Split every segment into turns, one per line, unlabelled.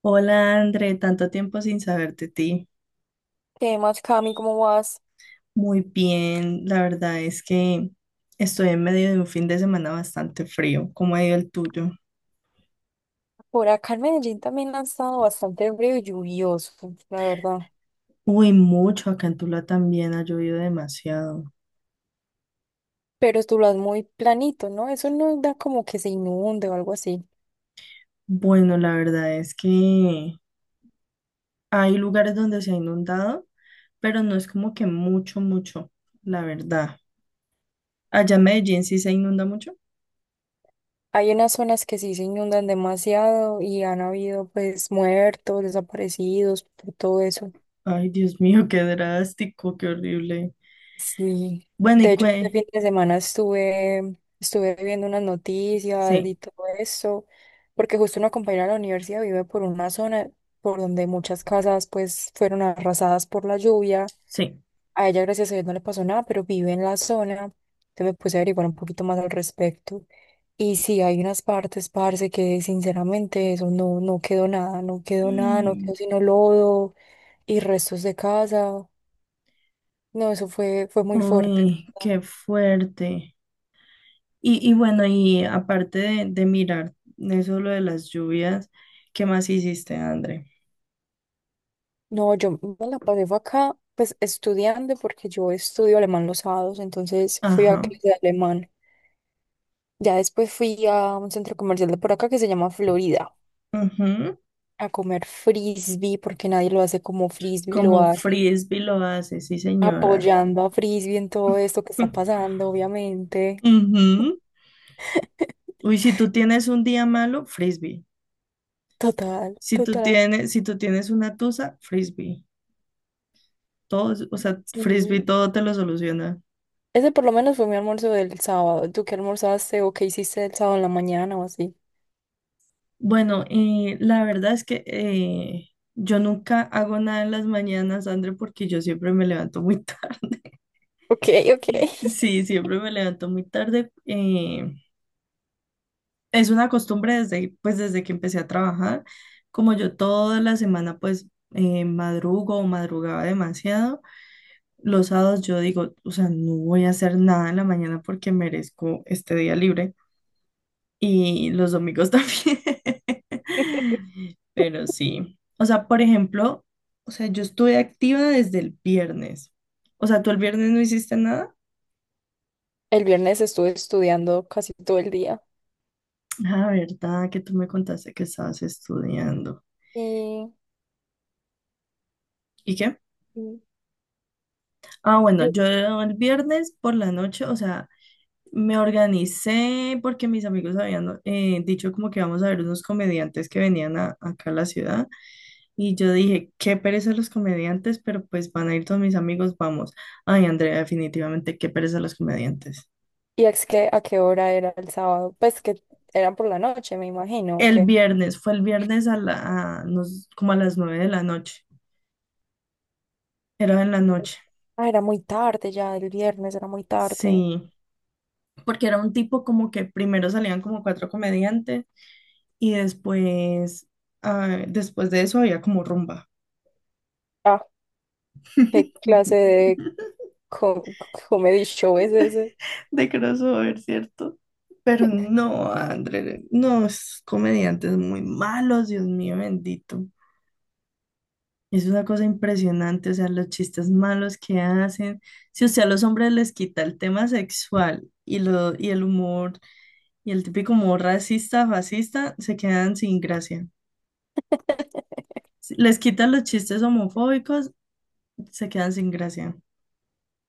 Hola André, tanto tiempo sin saber de ti.
¿Qué más, Cami? ¿Cómo vas?
Muy bien, la verdad es que estoy en medio de un fin de semana bastante frío. ¿Cómo ha ido el tuyo?
Por acá en Medellín también ha estado bastante frío y lluvioso, la verdad.
Uy, mucho, acá en Tula también ha llovido demasiado.
Pero tú lo has muy planito, ¿no? Eso no da como que se inunde o algo así.
Bueno, la verdad es que hay lugares donde se ha inundado, pero no es como que mucho, mucho, la verdad. Allá en Medellín sí se inunda mucho.
Hay unas zonas que sí se inundan demasiado y han habido pues muertos, desaparecidos, por todo eso.
Ay, Dios mío, qué drástico, qué horrible.
Sí.
Bueno,
De
y
hecho, este
qué,
fin de semana estuve viendo unas noticias y
sí,
todo eso, porque justo una compañera de la universidad vive por una zona por donde muchas casas pues fueron arrasadas por la lluvia.
sí.
A ella, gracias a Dios, no le pasó nada, pero vive en la zona. Entonces me puse a averiguar un poquito más al respecto. Y sí, hay unas partes, parce, que sinceramente eso no quedó nada, no quedó nada, no quedó sino lodo y restos de casa. No, eso fue muy fuerte.
Uy, qué fuerte. Y bueno, y aparte de mirar eso lo de las lluvias, ¿qué más hiciste, André?
No, yo me la pasé fue acá, pues estudiando, porque yo estudio alemán los sábados, entonces fui a
Ajá.
clase de alemán. Ya después fui a un centro comercial de por acá que se llama Florida,
Ujú.
a comer frisbee, porque nadie lo hace como frisbee lo
Como
hace,
frisbee lo hace, sí, señora.
apoyando a frisbee en todo esto que está pasando, obviamente.
Ujú. Uy, si tú tienes un día malo, frisbee.
Total,
Si tú
total.
tienes, si tú tienes una tusa, frisbee. Todo, o sea, frisbee
Sí.
todo te lo soluciona.
Ese por lo menos fue mi almuerzo del sábado. ¿Tú qué almorzaste o qué hiciste el sábado en la mañana o así?
Bueno, la verdad es que yo nunca hago nada en las mañanas, André, porque yo siempre me levanto muy tarde.
Ok, ok.
Sí, siempre me levanto muy tarde. Es una costumbre desde, pues, desde que empecé a trabajar. Como yo toda la semana, pues, madrugo o madrugaba demasiado, los sábados yo digo, o sea, no voy a hacer nada en la mañana porque merezco este día libre. Y los domingos también. Pero sí. O sea, por ejemplo, o sea, yo estuve activa desde el viernes. O sea, ¿tú el viernes no hiciste nada?
El viernes estuve estudiando casi todo el día.
Ah, verdad, que tú me contaste que estabas estudiando.
Y
¿Y qué?
Mm.
Ah, bueno,
yo,
yo el viernes por la noche, o sea, me organicé porque mis amigos habían dicho como que vamos a ver unos comediantes que venían acá a la ciudad. Y yo dije, qué pereza los comediantes, pero pues van a ir todos mis amigos, vamos. Ay, Andrea, definitivamente, qué pereza los comediantes.
y es que a qué hora era el sábado, pues que era por la noche, me imagino, ¿o
El
qué?
viernes, fue el viernes a la, a nos- como a las 9 de la noche. Era en la noche,
Ah, era muy tarde ya, el viernes era muy tarde.
sí. Porque era un tipo como que primero salían como cuatro comediantes y después de eso había como rumba.
Ah, ¿qué clase de co- comedy show es ese?
De crossover, ¿cierto? Pero no, André, no, es comediantes muy malos, Dios mío bendito. Es una cosa impresionante, o sea, los chistes malos que hacen. Si usted a los hombres les quita el tema sexual y el humor, y el típico humor racista, fascista, se quedan sin gracia. Si les quitan los chistes homofóbicos, se quedan sin gracia.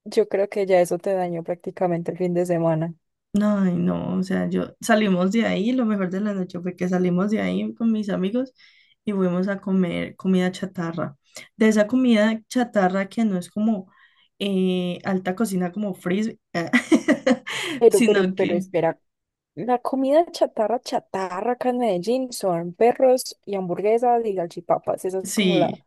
Yo creo que ya eso te dañó prácticamente el fin de semana.
Ay, no, o sea, yo salimos de ahí, lo mejor de la noche fue que salimos de ahí con mis amigos y fuimos a comer comida chatarra. De esa comida chatarra que no es como alta cocina como frisbee,
Pero, pero,
sino
pero
que
espera, la comida chatarra acá en Medellín son perros y hamburguesas y galchipapas. Esa es como la.
sí,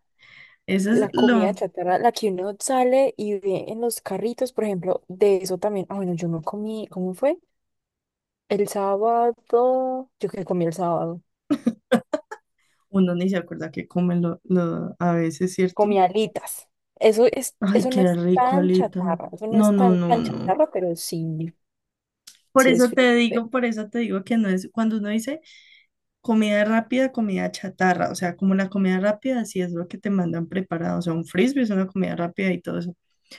eso
La
es
comida
lo,
chatarra, la que uno sale y ve en los carritos, por ejemplo, de eso también. Ah, bueno, yo no comí, ¿cómo fue? El sábado, yo que comí el sábado,
uno ni se acuerda que comen a veces, ¿cierto?
comí alitas. Eso es,
Ay,
eso no
qué
es
rico,
tan
Alita.
chatarra, eso no
No,
es
no, no,
tan
no.
chatarra, pero sí.
Por
Sí, es
eso te
Felipe.
digo, por eso te digo que no es cuando uno dice. Comida rápida, comida chatarra, o sea, como la comida rápida sí es lo que te mandan preparado, o sea, un frisbee es una comida rápida y todo eso,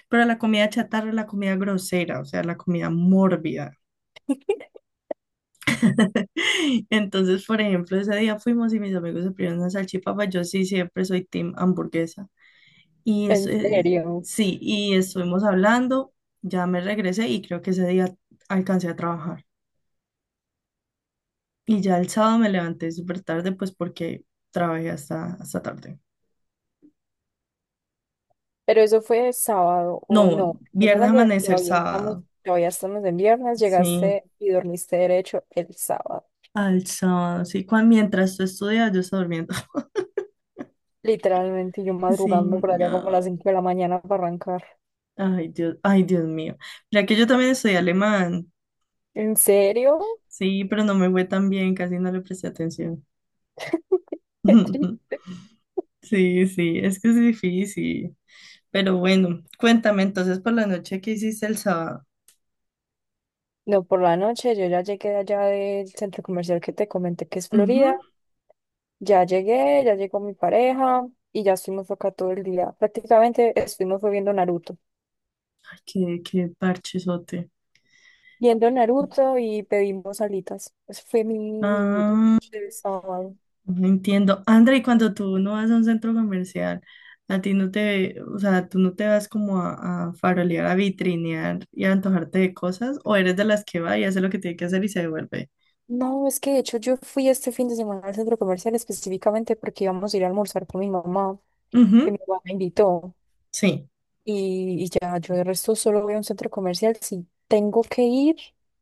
pero la comida chatarra es la comida grosera, o sea, la comida mórbida. Entonces, por ejemplo, ese día fuimos y mis amigos se pidieron una salchipapa, yo sí siempre soy team hamburguesa. Y
¿En
eso,
serio?
sí, y estuvimos hablando, ya me regresé y creo que ese día alcancé a trabajar. Y ya el sábado me levanté súper tarde, pues porque trabajé hasta tarde.
Pero eso fue sábado
No,
o no. Estás
viernes,
hablando de
amanecer, sábado.
todavía estamos en viernes,
Sí,
llegaste y dormiste derecho el sábado.
al sábado, sí. Cuando, mientras tú estudias, yo estaba durmiendo.
Literalmente yo
Sí,
madrugando por allá como a las
no.
5 de la mañana para arrancar.
Ay, Dios mío. Mira que yo también estudié alemán.
¿En serio?
Sí, pero no me fue tan bien, casi no le presté atención.
Qué triste.
Sí, sí, es que es difícil. Pero bueno, cuéntame entonces por la noche que hiciste el sábado.
No, por la noche yo ya llegué de allá del centro comercial que te comenté que es Florida.
Ujú.
Ya llegué, ya llegó mi pareja y ya estuvimos acá todo el día. Prácticamente estuvimos fue viendo Naruto.
Ay, qué parchesote.
Viendo Naruto y pedimos alitas. Eso fue mi
Ah.
el sábado.
No entiendo. André, y cuando tú no vas a un centro comercial, a ti no te, o sea, tú no te vas como a farolear, a vitrinear y a antojarte de cosas, o eres de las que va y hace lo que tiene que hacer y se devuelve.
No, es que de hecho yo fui este fin de semana al centro comercial específicamente porque íbamos a ir a almorzar con mi mamá, que
Ujú,
mi mamá me invitó.
sí.
Y ya, yo de resto solo voy a un centro comercial. Si tengo que ir,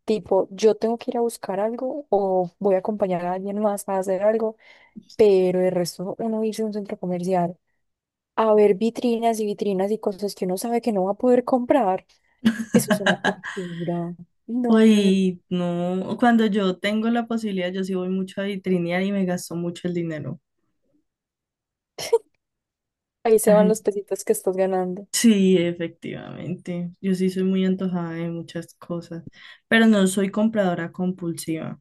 tipo, yo tengo que ir a buscar algo o voy a acompañar a alguien más a hacer algo, pero de resto uno irse a un centro comercial a ver vitrinas y vitrinas y cosas que uno sabe que no va a poder comprar, eso es una tortura. No, no, no.
Uy, no, cuando yo tengo la posibilidad, yo sí voy mucho a vitrinear y me gasto mucho el dinero.
Ahí se
Ajá.
van los pesitos que estás ganando.
Sí, efectivamente. Yo sí soy muy antojada de muchas cosas, pero no soy compradora compulsiva.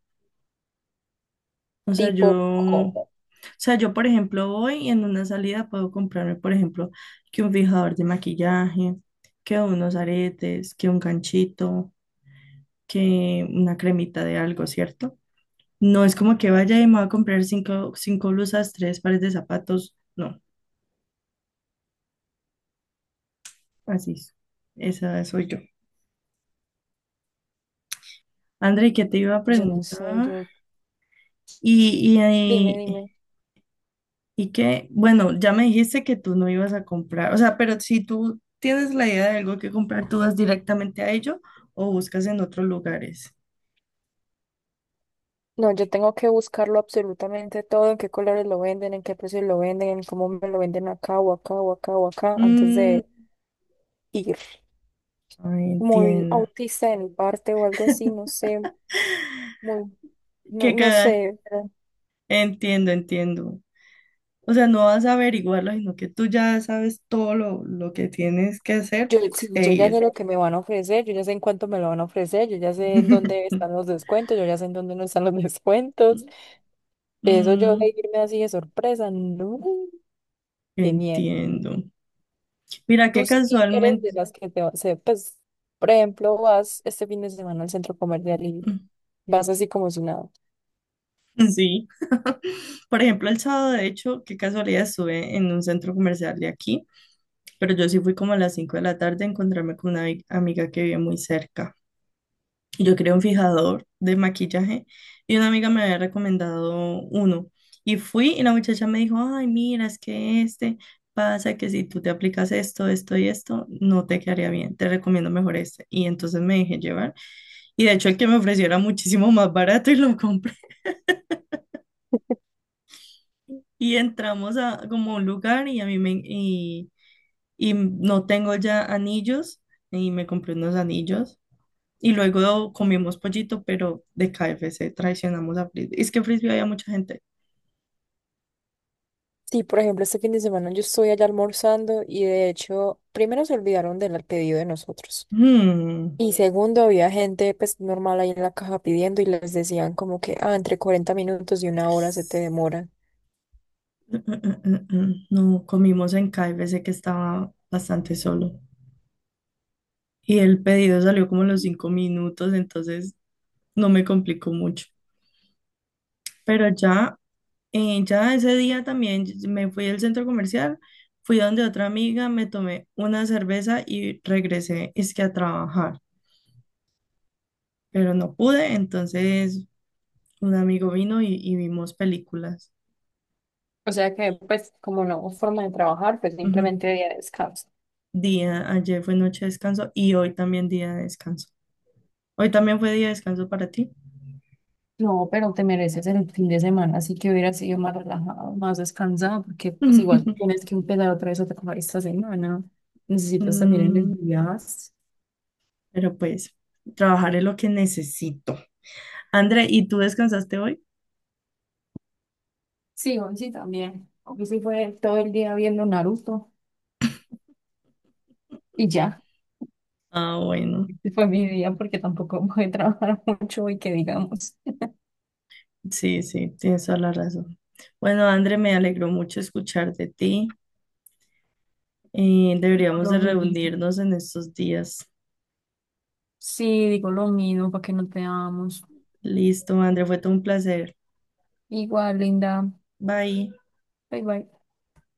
O sea,
Tipo, ¿cómo?
yo, por ejemplo, voy y en una salida puedo comprarme, por ejemplo, que un fijador de maquillaje, que unos aretes, que un ganchito, que una cremita de algo, ¿cierto? No es como que vaya y me voy a comprar cinco blusas, tres pares de zapatos. No, así es. Esa soy yo. André, ¿qué te iba a
Yo no sé,
preguntar?
yo... sí.
Y,
Dime,
y, eh,
dime.
Y que, bueno, ya me dijiste que tú no ibas a comprar, o sea, pero si tú tienes la idea de algo que comprar, ¿tú vas directamente a ello o buscas en otros lugares?
No, yo tengo que buscarlo absolutamente todo, en qué colores lo venden, en qué precios lo venden, en cómo me lo venden acá o acá o acá o acá, antes
Mm,
de ir.
Ay,
Muy
entiendo.
autista en mi parte o algo así, no sé, muy, no,
Que
no
cada,
sé, pero
Entiendo, entiendo. O sea, no vas a averiguarlo, sino que tú ya sabes todo lo que tienes que hacer
yo, sí,
e
yo ya sé
ir.
lo que me van a ofrecer, yo ya sé en cuánto me lo van a ofrecer, yo ya sé en dónde están los descuentos, yo ya sé en dónde no están los descuentos. Eso yo de
Mm,
irme así de sorpresa, no, qué miedo.
Entiendo. Mira, que
Tú sí eres de
casualmente,
las que se, pues, por ejemplo, vas este fin de semana al centro comercial y vas así como si nada.
sí. Por ejemplo, el sábado, de hecho, qué casualidad estuve en un centro comercial de aquí, pero yo sí fui como a las 5 de la tarde a encontrarme con una amiga que vive muy cerca. Y yo quería un fijador de maquillaje y una amiga me había recomendado uno. Y fui y la muchacha me dijo, ay, mira, es que este pasa que si tú te aplicas esto, esto y esto, no te quedaría bien, te recomiendo mejor este. Y entonces me dejé llevar. Y de hecho el que me ofreció era muchísimo más barato y lo compré. Y entramos a como un lugar y y no tengo ya anillos y me compré unos anillos y luego comimos pollito, pero de KFC traicionamos a Frisbee. Es que en Frisbee había mucha gente.
Sí, por ejemplo, este fin de semana yo estoy allá almorzando y de hecho, primero se olvidaron del pedido de nosotros.
Hmm,
Y segundo, había gente pues normal ahí en la caja pidiendo y les decían como que, ah, entre 40 minutos y una hora se te demora.
No, comimos en KFC que estaba bastante solo y el pedido salió como a los 5 minutos, entonces no me complicó mucho. Pero ya ese día también me fui al centro comercial. Fui donde otra amiga, me tomé una cerveza y regresé, es que a trabajar. Pero no pude, entonces un amigo vino y vimos películas.
O sea que, pues, como no hubo forma de trabajar, pues
Ujú.
simplemente día de descanso.
Ayer fue noche de descanso y hoy también día de descanso. Hoy también fue día de descanso para ti.
No, pero te mereces el fin de semana, así que hubiera sido más relajado, más descansado, porque pues igual tienes que empezar otra vez a trabajar esta semana. Necesitas también
Mm,
energías.
pero pues, trabajaré lo que necesito. André, ¿y tú descansaste hoy?
Sí, hoy sí también. Hoy sí fue todo el día viendo Naruto y ya.
Ah, bueno,
Este fue mi día porque tampoco voy a trabajar mucho y que digamos.
sí, sí, tienes toda la razón. Bueno, André, me alegró mucho escuchar de ti.
Digo
Deberíamos
lo
de
mismo.
reunirnos en estos días.
Sí, digo lo mismo para que no te amo.
Listo, André, fue todo un placer.
Igual, linda.
Bye.
Bye bye.